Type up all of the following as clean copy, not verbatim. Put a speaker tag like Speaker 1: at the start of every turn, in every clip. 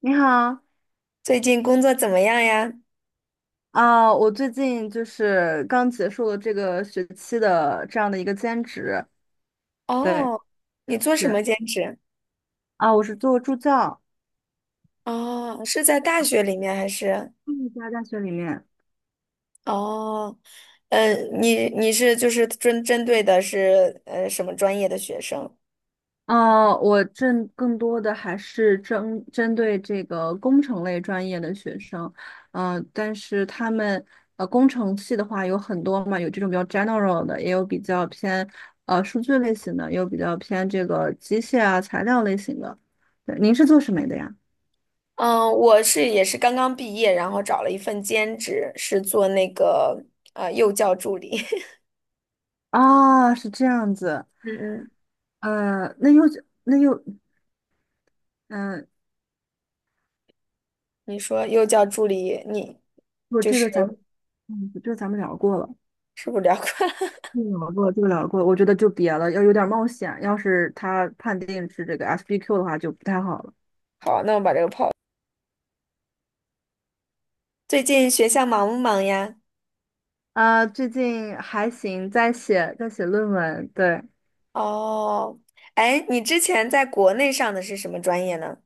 Speaker 1: 你好，
Speaker 2: 最近工作怎么样呀？
Speaker 1: 我最近就是刚结束了这个学期的这样的一个兼职。对，
Speaker 2: 哦，你做什
Speaker 1: 是
Speaker 2: 么兼职？
Speaker 1: 我是做助教。
Speaker 2: 哦，是在大学里面还是？
Speaker 1: 嗯，在大学里面。
Speaker 2: 哦，嗯，你是就是针对的是什么专业的学生？
Speaker 1: 我正更多的还是针对这个工程类专业的学生。但是他们工程系的话有很多嘛，有这种比较 general 的，也有比较偏数据类型的，也有比较偏这个机械啊材料类型的。对，您是做什么的呀？
Speaker 2: 嗯，我是也是刚刚毕业，然后找了一份兼职，是做那个幼教助理。
Speaker 1: 啊，是这样子。
Speaker 2: 嗯嗯，
Speaker 1: 呃，那又那又，嗯、
Speaker 2: 你说幼教助理，你
Speaker 1: 我
Speaker 2: 就
Speaker 1: 这
Speaker 2: 是
Speaker 1: 个咱们，嗯，这个咱们聊过了，
Speaker 2: 是不是聊过？
Speaker 1: 这个聊过，这个聊过，我觉得就别了，要有点冒险。要是他判定是这个 SBQ 的话，就不太好了。
Speaker 2: 好，那我把这个抛。最近学校忙不忙呀？
Speaker 1: 啊，最近还行，在写论文。对。
Speaker 2: 哦，哎，你之前在国内上的是什么专业呢？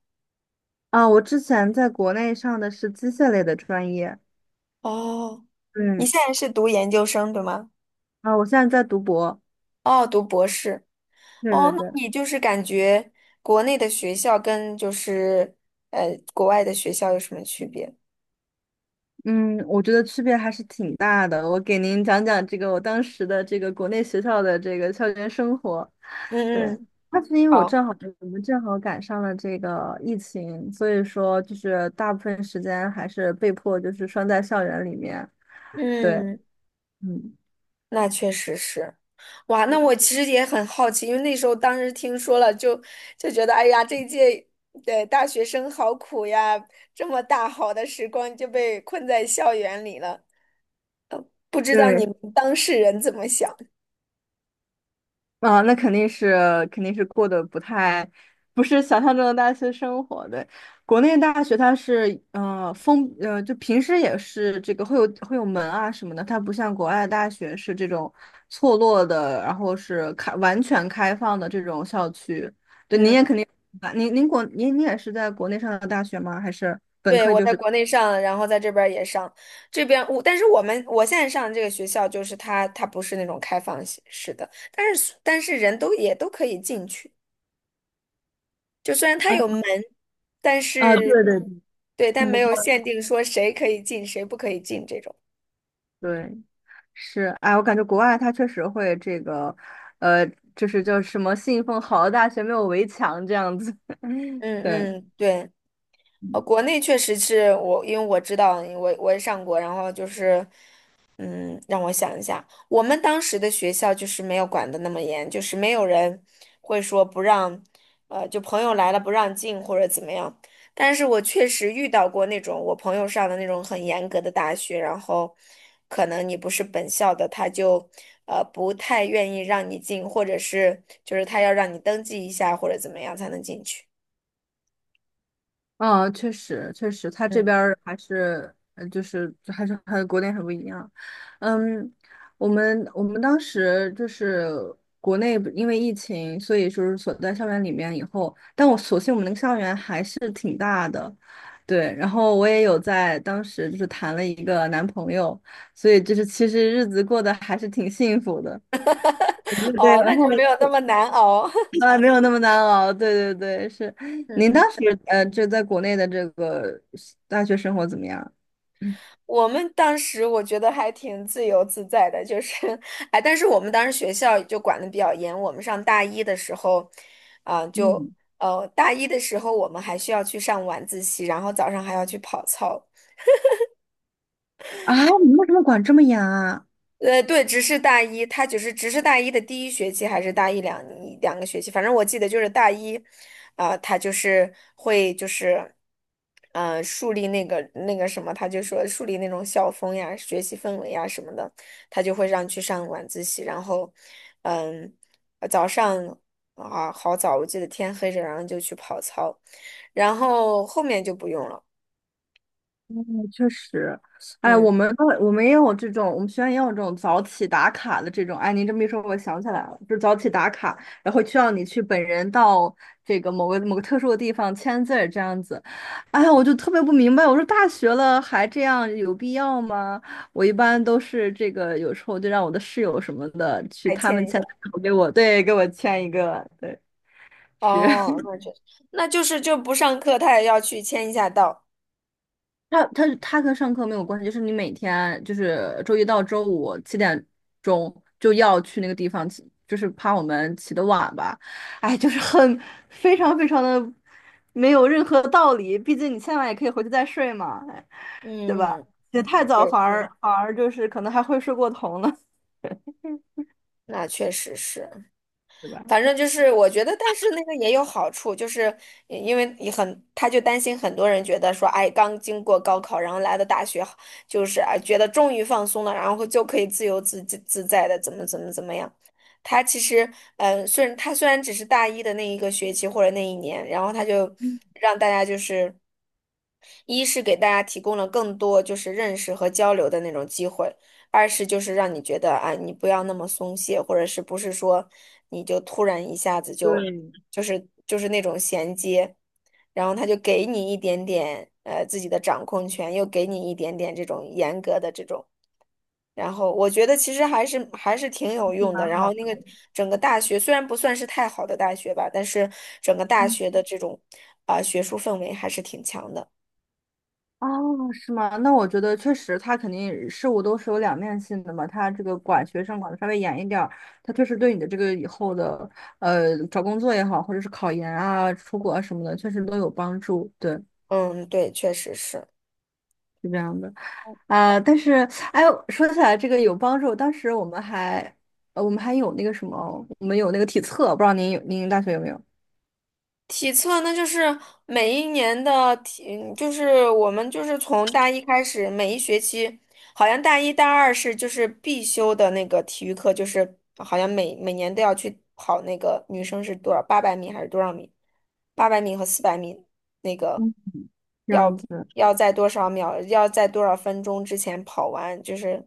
Speaker 1: 啊，我之前在国内上的是机械类的专业。
Speaker 2: 哦，你
Speaker 1: 嗯。
Speaker 2: 现在是读研究生，对吗？
Speaker 1: 啊，我现在在读博。
Speaker 2: 哦，读博士。
Speaker 1: 对
Speaker 2: 哦，
Speaker 1: 对
Speaker 2: 那
Speaker 1: 对。
Speaker 2: 你就是感觉国内的学校跟就是国外的学校有什么区别？
Speaker 1: 嗯，我觉得区别还是挺大的。我给您讲讲这个我当时的这个国内学校的这个校园生活。对，
Speaker 2: 嗯嗯，
Speaker 1: 那是因为
Speaker 2: 好，
Speaker 1: 我们正好赶上了这个疫情，所以说就是大部分时间还是被迫就是拴在校园里面。对。
Speaker 2: 嗯，
Speaker 1: 嗯。
Speaker 2: 那确实是。哇，那我
Speaker 1: 嗯，
Speaker 2: 其实也很好奇，因为那时候当时听说了就，就觉得，哎呀，这一届的大学生好苦呀，这么大好的时光就被困在校园里了。不知道
Speaker 1: 对。
Speaker 2: 你们当事人怎么想？
Speaker 1: 啊，那肯定是过得不太，不是想象中的大学生活。对，国内大学它是呃封呃，就平时也是这个会有门啊什么的。它不像国外的大学是这种错落的，然后是开完全开放的这种校区。对，您也
Speaker 2: 嗯，
Speaker 1: 肯定，您也是在国内上的大学吗？还是本
Speaker 2: 对，
Speaker 1: 科
Speaker 2: 我
Speaker 1: 就
Speaker 2: 在
Speaker 1: 是
Speaker 2: 国内上，然后在这边儿也上，这边我，但是我现在上的这个学校，就是它它不是那种开放式的，但是人都也都可以进去，就虽然它
Speaker 1: 啊
Speaker 2: 有门，但
Speaker 1: 啊，对
Speaker 2: 是
Speaker 1: 对对，
Speaker 2: 对，但
Speaker 1: 很不
Speaker 2: 没有
Speaker 1: 错。
Speaker 2: 限定说谁可以进，谁不可以进这种。
Speaker 1: 对。是，哎，我感觉国外它确实会这个，呃，就是叫什么信奉好的大学没有围墙这样子。
Speaker 2: 嗯
Speaker 1: 对。
Speaker 2: 嗯，对，呃，国内确实是我，因为我知道我也上过，然后就是嗯，让我想一下，我们当时的学校就是没有管得那么严，就是没有人会说不让，呃，就朋友来了不让进或者怎么样。但是我确实遇到过那种我朋友上的那种很严格的大学，然后可能你不是本校的，他就不太愿意让你进，或者是就是他要让你登记一下或者怎么样才能进去。
Speaker 1: 嗯，确实，确实，他这
Speaker 2: 嗯，
Speaker 1: 边儿还是，就是还是和国内很不一样。嗯，我们当时就是国内不因为疫情，所以就是锁在校园里面以后，但我所幸我们那个校园还是挺大的。对。然后我也有在当时就是谈了一个男朋友，所以就是其实日子过得还是挺幸福的。对对。
Speaker 2: 哦，
Speaker 1: 然
Speaker 2: 那
Speaker 1: 后
Speaker 2: 就没有那么难熬。
Speaker 1: 啊，没有那么难熬。对对对，是。
Speaker 2: 嗯
Speaker 1: 您当
Speaker 2: 嗯。
Speaker 1: 时就在国内的这个大学生活怎么样？嗯
Speaker 2: 我们当时我觉得还挺自由自在的，就是，哎，但是我们当时学校就管的比较严。我们上大一的时候，啊、就
Speaker 1: 嗯
Speaker 2: 大一的时候我们还需要去上晚自习，然后早上还要去跑操。
Speaker 1: 啊，你们为什么管这么严啊？
Speaker 2: 呃，对，只是大一，他只是大一的第一学期，还是大一两个学期，反正我记得就是大一，啊、他就是会就是，树立那个什么，他就说树立那种校风呀、学习氛围呀什么的，他就会让去上晚自习，然后，嗯，早上啊好早，我记得天黑着，然后就去跑操，然后后面就不用了，
Speaker 1: 嗯，确实。哎，
Speaker 2: 嗯，
Speaker 1: 我们也有这种，我们学院也有这种早起打卡的这种。哎，您这么一说，我想起来了，就是早起打卡，然后需要你去本人到这个某个某个特殊的地方签字儿这样子。哎呀，我就特别不明白，我说大学了还这样有必要吗？我一般都是这个，有时候就让我的室友什么的去
Speaker 2: 还
Speaker 1: 他们
Speaker 2: 欠一
Speaker 1: 签
Speaker 2: 下。
Speaker 1: 字，然后给我，对，给我签一个。对，是。
Speaker 2: 哦，那确实，那就是就不上课，他也要去签一下到。
Speaker 1: 他跟上课没有关系，就是你每天就是周一到周五7点钟就要去那个地方起，就是怕我们起得晚吧。哎，就是很非常非常的没有任何道理。毕竟你现在也可以回去再睡嘛。哎，对吧？
Speaker 2: 嗯，
Speaker 1: 起得太早
Speaker 2: 对，
Speaker 1: 反而就是可能还会睡过头呢。
Speaker 2: 那确实是，
Speaker 1: 对吧？
Speaker 2: 反正就是我觉得，但是那个也有好处，就是因为也很，他就担心很多人觉得说，哎，刚经过高考，然后来到大学，就是哎，觉得终于放松了，然后就可以自由自在的怎么样。他其实，嗯，虽然他虽然只是大一的那一个学期或者那一年，然后他就让大家就是。一是给大家提供了更多就是认识和交流的那种机会，二是就是让你觉得啊，你不要那么松懈，或者是不是说你就突然一下子就就是就是那种衔接，然后他就给你一点点自己的掌控权，又给你一点点这种严格的这种，然后我觉得其实还是挺有
Speaker 1: 是
Speaker 2: 用的。
Speaker 1: 蛮
Speaker 2: 然
Speaker 1: 好
Speaker 2: 后那
Speaker 1: 的。
Speaker 2: 个整个大学虽然不算是太好的大学吧，但是整个大学的这种啊、学术氛围还是挺强的。
Speaker 1: 哦，是吗？那我觉得确实，他肯定事物都是有两面性的嘛。他这个管学生管的稍微严一点儿，他确实对你的这个以后的找工作也好，或者是考研啊、出国啊什么的，确实都有帮助。对，
Speaker 2: 嗯，对，确实是
Speaker 1: 是这样的啊。但是，哎，说起来这个有帮助，当时我们还有那个什么，我们有那个体测，不知道您有您大学有没有？
Speaker 2: 体测那就是每一年的体，就是我们就是从大一开始，每一学期，好像大一大二是就是必修的那个体育课，就是好像每年都要去跑那个女生是多少八百米还是多少米，八百米和400米那个
Speaker 1: 嗯，这
Speaker 2: 要
Speaker 1: 样子。
Speaker 2: 要在多少秒，要在多少分钟之前跑完，就是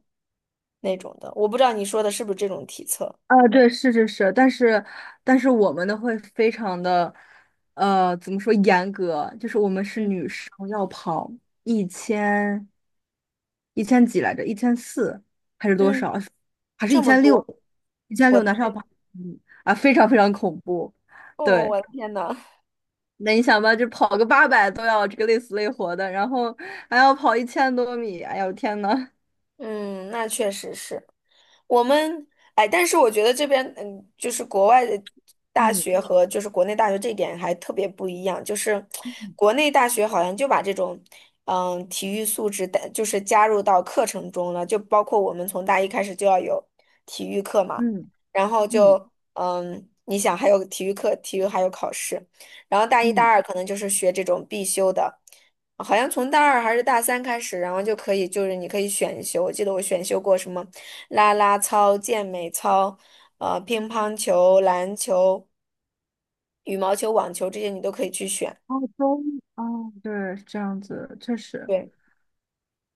Speaker 2: 那种的。我不知道你说的是不是这种体测。
Speaker 1: 啊，对，是是是，但是我们的会非常的，怎么说严格？就是我们是
Speaker 2: 嗯，
Speaker 1: 女生要跑一千一千几来着，1400还是多
Speaker 2: 嗯，
Speaker 1: 少？还是
Speaker 2: 这
Speaker 1: 一
Speaker 2: 么
Speaker 1: 千六？
Speaker 2: 多，
Speaker 1: 一千
Speaker 2: 我
Speaker 1: 六
Speaker 2: 的
Speaker 1: 男生要
Speaker 2: 天。
Speaker 1: 跑。嗯。啊，非常非常恐怖。
Speaker 2: 哦，
Speaker 1: 对，
Speaker 2: 我的天呐，
Speaker 1: 那你想吧，就跑个800都要这个累死累活的，然后还要跑1000多米。哎呦天呐！
Speaker 2: 嗯，那确实是。我们哎，但是我觉得这边就是国外的大学
Speaker 1: 嗯
Speaker 2: 和就是国内大学这一点还特别不一样，就是
Speaker 1: 嗯
Speaker 2: 国内大学好像就把这种体育素质带就是加入到课程中了，就包括我们从大一开始就要有体育课嘛，
Speaker 1: 嗯
Speaker 2: 然后
Speaker 1: 嗯
Speaker 2: 就你想还有体育课，体育还有考试，然后大一大
Speaker 1: 嗯。
Speaker 2: 二可能就是学这种必修的。好像从大二还是大三开始，然后就可以，就是你可以选修。我记得我选修过什么。啦啦操、健美操、乒乓球、篮球、羽毛球、网球这些你都可以去选。
Speaker 1: 哦，中。哦，对，是这样子，确实。
Speaker 2: 对，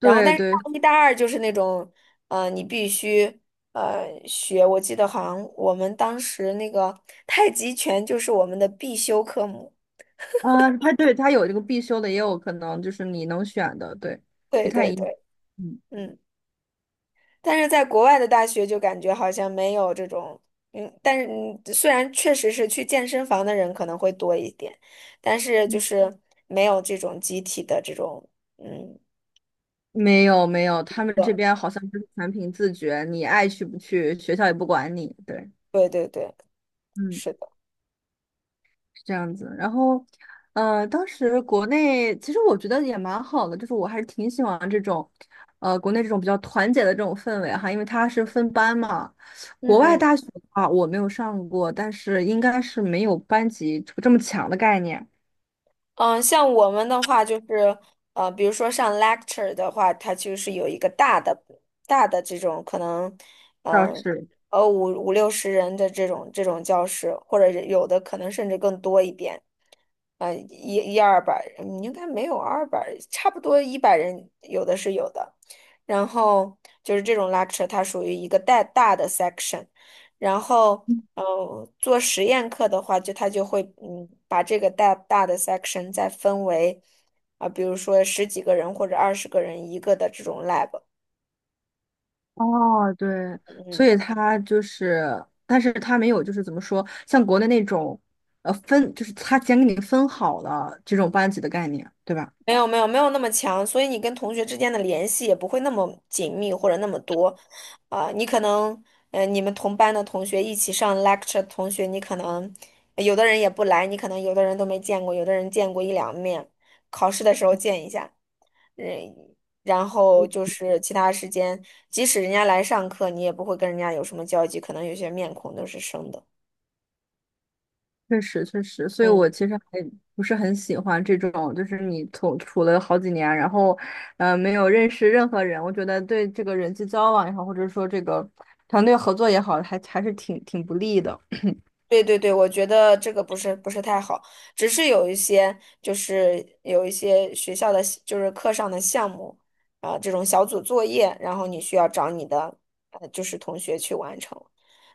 Speaker 2: 然后但是
Speaker 1: 对。
Speaker 2: 大一、大二就是那种，呃，你必须学。我记得好像我们当时那个太极拳就是我们的必修科目。
Speaker 1: 啊，它对它有这个必修的，也有可能就是你能选的。对，不
Speaker 2: 对
Speaker 1: 太
Speaker 2: 对
Speaker 1: 一样。
Speaker 2: 对，
Speaker 1: 嗯。
Speaker 2: 嗯。但是在国外的大学就感觉好像没有这种，嗯，但是虽然确实是去健身房的人可能会多一点，但是就
Speaker 1: 嗯，
Speaker 2: 是没有这种集体的这种，嗯，
Speaker 1: 没有没有，他们这边好像就是全凭自觉，你爱去不去，学校也不管你。对。
Speaker 2: 对对对对，
Speaker 1: 嗯，
Speaker 2: 是的，
Speaker 1: 是这样子。然后，当时国内其实我觉得也蛮好的，就是我还是挺喜欢这种，国内这种比较团结的这种氛围哈。因为它是分班嘛。
Speaker 2: 嗯
Speaker 1: 国外
Speaker 2: 嗯。
Speaker 1: 大学的话我没有上过，但是应该是没有班级这么强的概念。
Speaker 2: 嗯，像我们的话，就是比如说上 lecture 的话，它就是有一个大的、大的这种可能，
Speaker 1: 倒
Speaker 2: 嗯，
Speaker 1: 是
Speaker 2: 五六十人的这种教室，或者是有的可能甚至更多一点，一二百，嗯应该没有二百，差不多100人，有的是有的。然后就是这种 lecture，它属于一个带大的 section，然后。做实验课的话，就他就会把这个大大的 section 再分为啊、比如说十几个人或者20个人一个的这种 lab，
Speaker 1: 哦，对，所
Speaker 2: 嗯，
Speaker 1: 以他就是，但是他没有就是怎么说，像国内那种，分就是他先给你分好了这种班级的概念，对吧？
Speaker 2: 没有那么强，所以你跟同学之间的联系也不会那么紧密或者那么多，啊、你可能你们同班的同学一起上 lecture 的同学，你可能有的人也不来，你可能有的人都没见过，有的人见过一两面，考试的时候见一下。嗯，然后就是其他时间，即使人家来上课，你也不会跟人家有什么交集，可能有些面孔都是生的。
Speaker 1: 确实确实，所以
Speaker 2: 嗯。
Speaker 1: 我其实还不是很喜欢这种，就是你从处了好几年，然后没有认识任何人。我觉得对这个人际交往也好，或者说这个团队合作也好，还是挺不利的。
Speaker 2: 对对对，我觉得这个不是太好，只是有一些就是有一些学校的就是课上的项目啊，这种小组作业，然后你需要找你的就是同学去完成，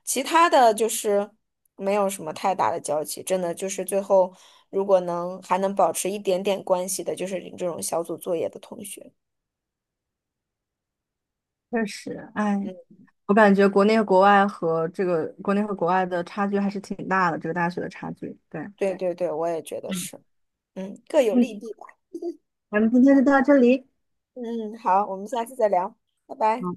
Speaker 2: 其他的就是没有什么太大的交集，真的就是最后如果能还能保持一点点关系的，就是你这种小组作业的同学。
Speaker 1: 确实，哎，
Speaker 2: 嗯，
Speaker 1: 我感觉国内和国外的差距还是挺大的，这个大学的差距。对。
Speaker 2: 对对对，我也觉得是，嗯，各有利
Speaker 1: 嗯，
Speaker 2: 弊吧。
Speaker 1: 咱们今天就到这里。
Speaker 2: 嗯，嗯好，我们下次再聊，拜拜。